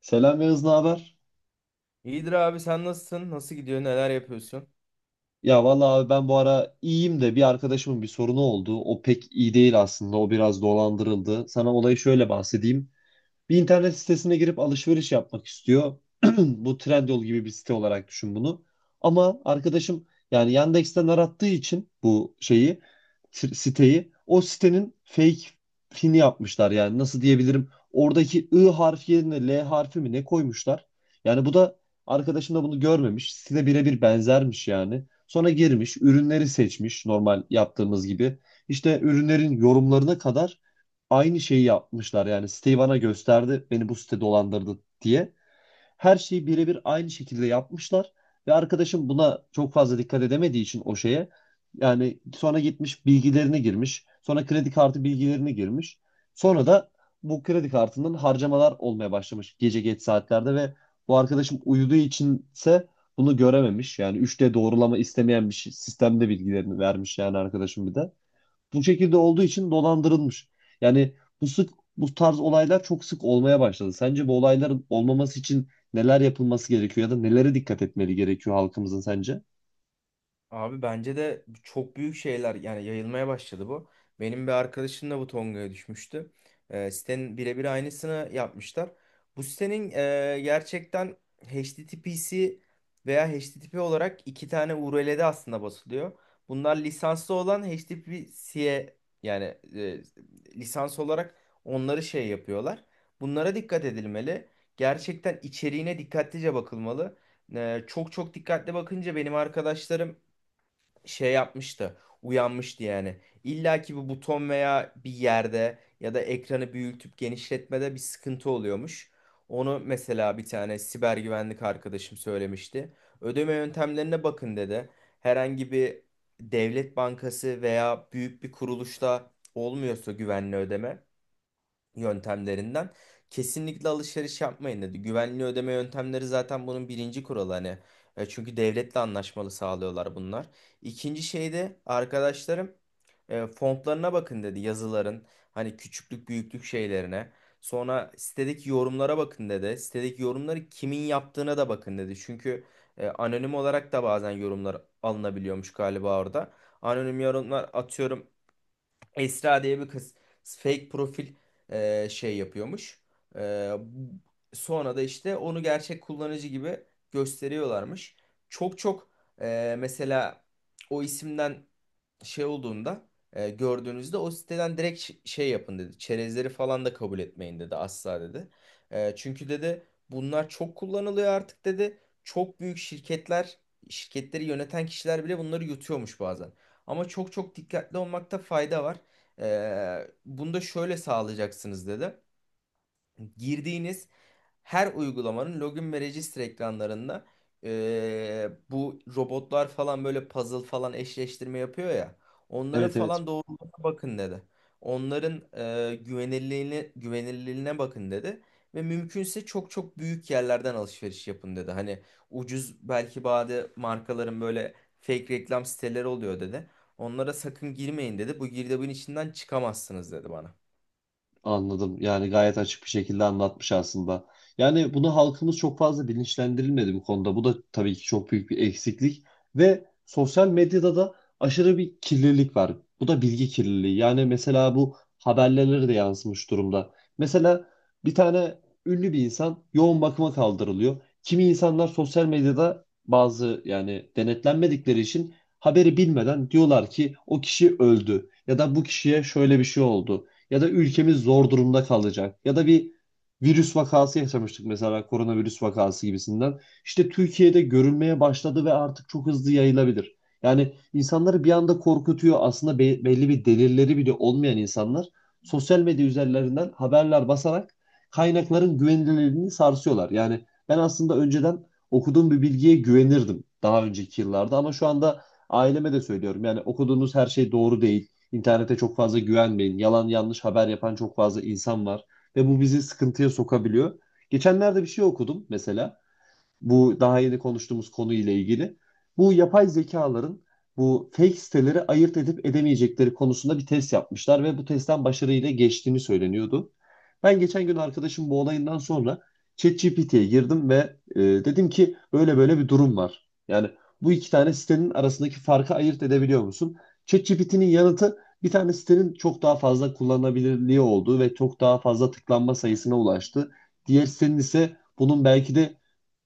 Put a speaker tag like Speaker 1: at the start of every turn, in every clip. Speaker 1: Selam Yağız, ne haber?
Speaker 2: İyidir abi sen nasılsın? Nasıl gidiyor? Neler yapıyorsun?
Speaker 1: Ya vallahi abi ben bu ara iyiyim de bir arkadaşımın bir sorunu oldu. O pek iyi değil aslında. O biraz dolandırıldı. Sana olayı şöyle bahsedeyim. Bir internet sitesine girip alışveriş yapmak istiyor. Bu Trendyol gibi bir site olarak düşün bunu. Ama arkadaşım yani Yandex'ten arattığı için bu şeyi, siteyi, o sitenin fake fini yapmışlar. Yani nasıl diyebilirim, oradaki I harfi yerine L harfi mi ne koymuşlar. Yani bu da arkadaşım da bunu görmemiş. Site birebir benzermiş yani. Sonra girmiş, ürünleri seçmiş, normal yaptığımız gibi. İşte ürünlerin yorumlarına kadar aynı şeyi yapmışlar. Yani siteyi bana gösterdi, beni bu site dolandırdı diye. Her şeyi birebir aynı şekilde yapmışlar. Ve arkadaşım buna çok fazla dikkat edemediği için o şeye, yani sonra gitmiş, bilgilerini girmiş. Sonra kredi kartı bilgilerini girmiş. Sonra da bu kredi kartının harcamalar olmaya başlamış gece geç saatlerde, ve bu arkadaşım uyuduğu içinse bunu görememiş. Yani 3D doğrulama istemeyen sistemde bilgilerini vermiş, yani arkadaşım bir de. Bu şekilde olduğu için dolandırılmış. Yani bu sık bu tarz olaylar çok sık olmaya başladı. Sence bu olayların olmaması için neler yapılması gerekiyor, ya da nelere dikkat etmeli gerekiyor halkımızın sence?
Speaker 2: Abi bence de çok büyük şeyler yani yayılmaya başladı bu. Benim bir arkadaşım da bu Tonga'ya düşmüştü. Sitenin birebir aynısını yapmışlar. Bu sitenin gerçekten HTTPC veya HTTP olarak iki tane URL'de aslında basılıyor. Bunlar lisanslı olan HTTPC'ye yani e, lisans olarak onları şey yapıyorlar. Bunlara dikkat edilmeli. Gerçekten içeriğine dikkatlice bakılmalı. Çok çok dikkatli bakınca benim arkadaşlarım şey yapmıştı. Uyanmıştı yani. İlla ki bu buton veya bir yerde ya da ekranı büyütüp genişletmede bir sıkıntı oluyormuş. Onu mesela bir tane siber güvenlik arkadaşım söylemişti. Ödeme yöntemlerine bakın dedi. Herhangi bir devlet bankası veya büyük bir kuruluşta olmuyorsa güvenli ödeme yöntemlerinden kesinlikle alışveriş yapmayın dedi. Güvenli ödeme yöntemleri zaten bunun birinci kuralı hani. Çünkü devletle anlaşmalı sağlıyorlar bunlar. İkinci şey de arkadaşlarım fontlarına bakın dedi yazıların hani küçüklük büyüklük şeylerine. Sonra sitedeki yorumlara bakın dedi. Sitedeki yorumları kimin yaptığına da bakın dedi. Çünkü anonim olarak da bazen yorumlar alınabiliyormuş galiba orada. Anonim yorumlar atıyorum Esra diye bir kız fake profil şey yapıyormuş. E, sonra da işte onu gerçek kullanıcı gibi gösteriyorlarmış. Çok çok mesela o isimden şey olduğunda gördüğünüzde o siteden direkt şey yapın dedi. Çerezleri falan da kabul etmeyin dedi asla dedi. Çünkü dedi bunlar çok kullanılıyor artık dedi. Çok büyük şirketleri yöneten kişiler bile bunları yutuyormuş bazen. Ama çok çok dikkatli olmakta fayda var. Bunu da şöyle sağlayacaksınız dedi girdiğiniz her uygulamanın login ve register ekranlarında bu robotlar falan böyle puzzle falan eşleştirme yapıyor ya. Onların
Speaker 1: Evet, evet.
Speaker 2: falan doğruluğuna bakın dedi. Onların güvenilirliğine bakın dedi. Ve mümkünse çok çok büyük yerlerden alışveriş yapın dedi. Hani ucuz belki bazı markaların böyle fake reklam siteleri oluyor dedi. Onlara sakın girmeyin dedi. Bu girdabın içinden çıkamazsınız dedi bana.
Speaker 1: Anladım. Yani gayet açık bir şekilde anlatmış aslında. Yani bunu halkımız çok fazla bilinçlendirilmedi bu konuda. Bu da tabii ki çok büyük bir eksiklik. Ve sosyal medyada da aşırı bir kirlilik var. Bu da bilgi kirliliği. Yani mesela bu haberlere de yansımış durumda. Mesela bir tane ünlü bir insan yoğun bakıma kaldırılıyor. Kimi insanlar sosyal medyada bazı, yani denetlenmedikleri için, haberi bilmeden diyorlar ki o kişi öldü, ya da bu kişiye şöyle bir şey oldu, ya da ülkemiz zor durumda kalacak, ya da bir virüs vakası yaşamıştık mesela, koronavirüs vakası gibisinden. İşte Türkiye'de görülmeye başladı ve artık çok hızlı yayılabilir. Yani insanları bir anda korkutuyor aslında, belli bir delilleri bile olmayan insanlar sosyal medya üzerlerinden haberler basarak kaynakların güvenilirliğini sarsıyorlar. Yani ben aslında önceden okuduğum bir bilgiye güvenirdim daha önceki yıllarda, ama şu anda aileme de söylüyorum. Yani okuduğunuz her şey doğru değil. İnternete çok fazla güvenmeyin. Yalan yanlış haber yapan çok fazla insan var ve bu bizi sıkıntıya sokabiliyor. Geçenlerde bir şey okudum mesela. Bu daha yeni konuştuğumuz konuyla ilgili. Bu yapay zekaların bu fake siteleri ayırt edip edemeyecekleri konusunda bir test yapmışlar ve bu testten başarıyla geçtiğini söyleniyordu. Ben geçen gün arkadaşım bu olayından sonra ChatGPT'ye girdim ve dedim ki böyle böyle bir durum var. Yani bu iki tane sitenin arasındaki farkı ayırt edebiliyor musun? ChatGPT'nin yanıtı, bir tane sitenin çok daha fazla kullanılabilirliği olduğu ve çok daha fazla tıklanma sayısına ulaştı. Diğer sitenin ise bunun belki de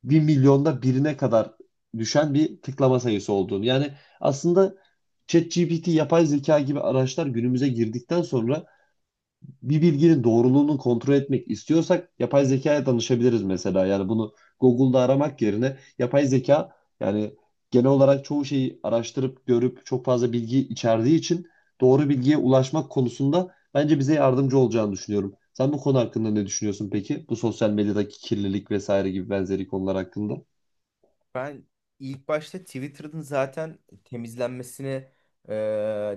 Speaker 1: bir milyonda birine kadar düşen bir tıklama sayısı olduğunu. Yani aslında ChatGPT, yapay zeka gibi araçlar günümüze girdikten sonra, bir bilginin doğruluğunu kontrol etmek istiyorsak yapay zekaya danışabiliriz mesela. Yani bunu Google'da aramak yerine, yapay zeka yani genel olarak çoğu şeyi araştırıp görüp çok fazla bilgi içerdiği için, doğru bilgiye ulaşmak konusunda bence bize yardımcı olacağını düşünüyorum. Sen bu konu hakkında ne düşünüyorsun peki? Bu sosyal medyadaki kirlilik vesaire gibi benzeri konular hakkında.
Speaker 2: Ben ilk başta Twitter'ın zaten temizlenmesini e,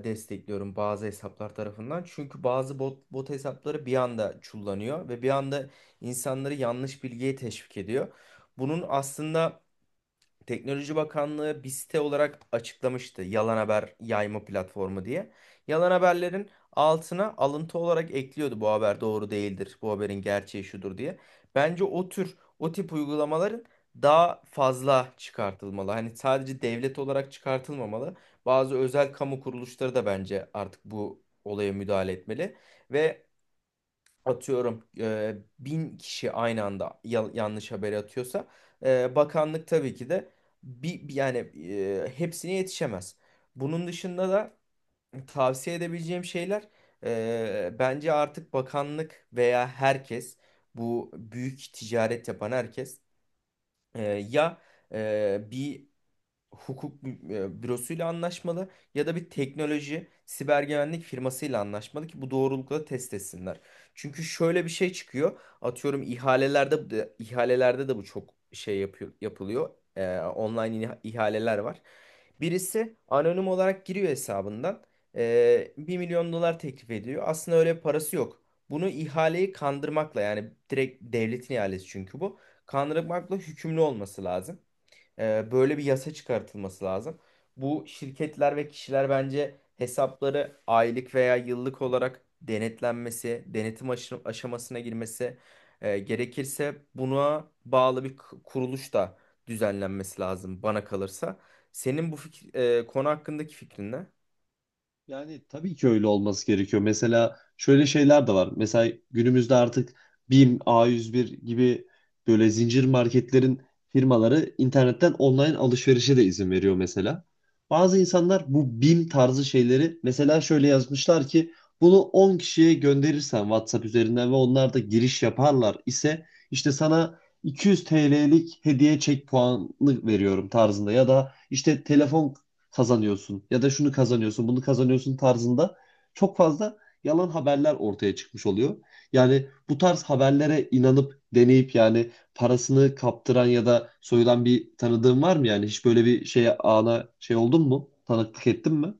Speaker 2: destekliyorum bazı hesaplar tarafından. Çünkü bazı bot hesapları bir anda çullanıyor ve bir anda insanları yanlış bilgiye teşvik ediyor. Bunun aslında Teknoloji Bakanlığı bir site olarak açıklamıştı yalan haber yayma platformu diye. Yalan haberlerin altına alıntı olarak ekliyordu bu haber doğru değildir, bu haberin gerçeği şudur diye. Bence o tip uygulamaların daha fazla çıkartılmalı. Hani sadece devlet olarak çıkartılmamalı. Bazı özel kamu kuruluşları da bence artık bu olaya müdahale etmeli. Ve atıyorum bin kişi aynı anda yanlış haber atıyorsa bakanlık tabii ki de bir yani hepsine yetişemez. Bunun dışında da tavsiye edebileceğim şeyler bence artık bakanlık veya herkes bu büyük ticaret yapan herkes ya bir hukuk bürosuyla anlaşmalı ya da bir teknoloji siber güvenlik firmasıyla anlaşmalı ki bu doğrulukla test etsinler. Çünkü şöyle bir şey çıkıyor. Atıyorum ihalelerde de bu çok şey yapılıyor. Online ihaleler var. Birisi anonim olarak giriyor hesabından. 1 milyon dolar teklif ediyor. Aslında öyle bir parası yok. Bunu ihaleyi kandırmakla yani direkt devletin ihalesi çünkü bu. Kandırmakla hükümlü olması lazım. Böyle bir yasa çıkartılması lazım. Bu şirketler ve kişiler bence hesapları aylık veya yıllık olarak denetlenmesi, denetim aşamasına girmesi gerekirse buna bağlı bir kuruluş da düzenlenmesi lazım bana kalırsa. Senin bu konu hakkındaki fikrin ne?
Speaker 1: Yani tabii ki öyle olması gerekiyor. Mesela şöyle şeyler de var. Mesela günümüzde artık BİM, A101 gibi böyle zincir marketlerin firmaları internetten online alışverişe de izin veriyor mesela. Bazı insanlar bu BİM tarzı şeyleri mesela şöyle yazmışlar ki, bunu 10 kişiye gönderirsen WhatsApp üzerinden ve onlar da giriş yaparlar ise, işte sana 200 TL'lik hediye çek puanı veriyorum tarzında, ya da işte telefon kazanıyorsun, ya da şunu kazanıyorsun, bunu kazanıyorsun tarzında, çok fazla yalan haberler ortaya çıkmış oluyor. Yani bu tarz haberlere inanıp deneyip, yani parasını kaptıran ya da soyulan bir tanıdığın var mı yani? Hiç böyle bir şeye ana şey oldun mu? Tanıklık ettin mi?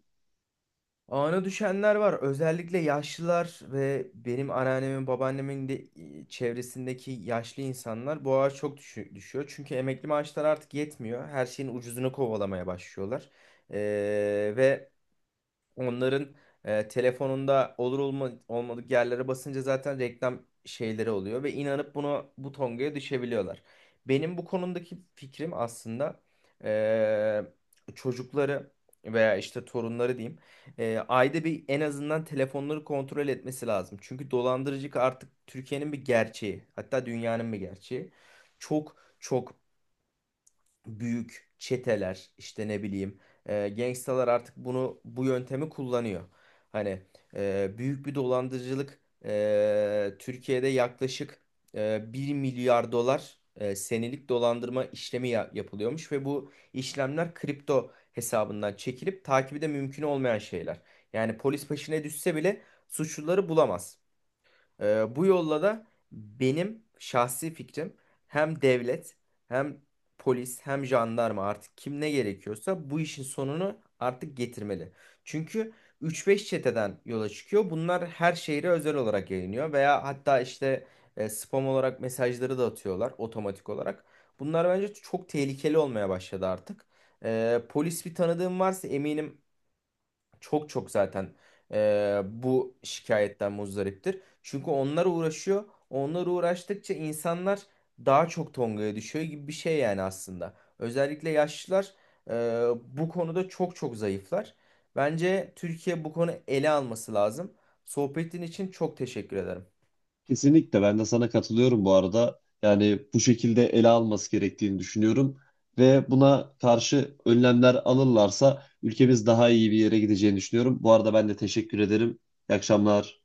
Speaker 2: Ağına düşenler var. Özellikle yaşlılar ve benim anneannemin, babaannemin de çevresindeki yaşlı insanlar bu ağaç çok düşüyor. Çünkü emekli maaşlar artık yetmiyor. Her şeyin ucuzunu kovalamaya başlıyorlar. Ee, ve onların telefonunda olmadık yerlere basınca zaten reklam şeyleri oluyor ve inanıp buna bu tongaya düşebiliyorlar. Benim bu konudaki fikrim aslında çocukları veya işte torunları diyeyim ayda bir en azından telefonları kontrol etmesi lazım. Çünkü dolandırıcılık artık Türkiye'nin bir gerçeği hatta dünyanın bir gerçeği. Çok çok büyük çeteler işte ne bileyim gangstalar artık bu yöntemi kullanıyor. Hani büyük bir dolandırıcılık Türkiye'de yaklaşık 1 milyar dolar senelik dolandırma işlemi yapılıyormuş ve bu işlemler kripto hesabından çekilip takibi de mümkün olmayan şeyler. Yani polis peşine düşse bile suçluları bulamaz. Bu yolla da benim şahsi fikrim hem devlet hem polis hem jandarma artık kim ne gerekiyorsa bu işin sonunu artık getirmeli. Çünkü 3-5 çeteden yola çıkıyor. Bunlar her şehre özel olarak yayınlıyor veya hatta işte spam olarak mesajları da atıyorlar otomatik olarak. Bunlar bence çok tehlikeli olmaya başladı artık. Polis bir tanıdığım varsa eminim çok çok zaten bu şikayetten muzdariptir. Çünkü onlar uğraşıyor. Onlar uğraştıkça insanlar daha çok tongaya düşüyor gibi bir şey yani aslında. Özellikle yaşlılar e, bu konuda çok çok zayıflar. Bence Türkiye bu konu ele alması lazım. Sohbetin için çok teşekkür ederim.
Speaker 1: Kesinlikle, ben de sana katılıyorum bu arada. Yani bu şekilde ele alması gerektiğini düşünüyorum ve buna karşı önlemler alırlarsa ülkemiz daha iyi bir yere gideceğini düşünüyorum. Bu arada ben de teşekkür ederim. İyi akşamlar.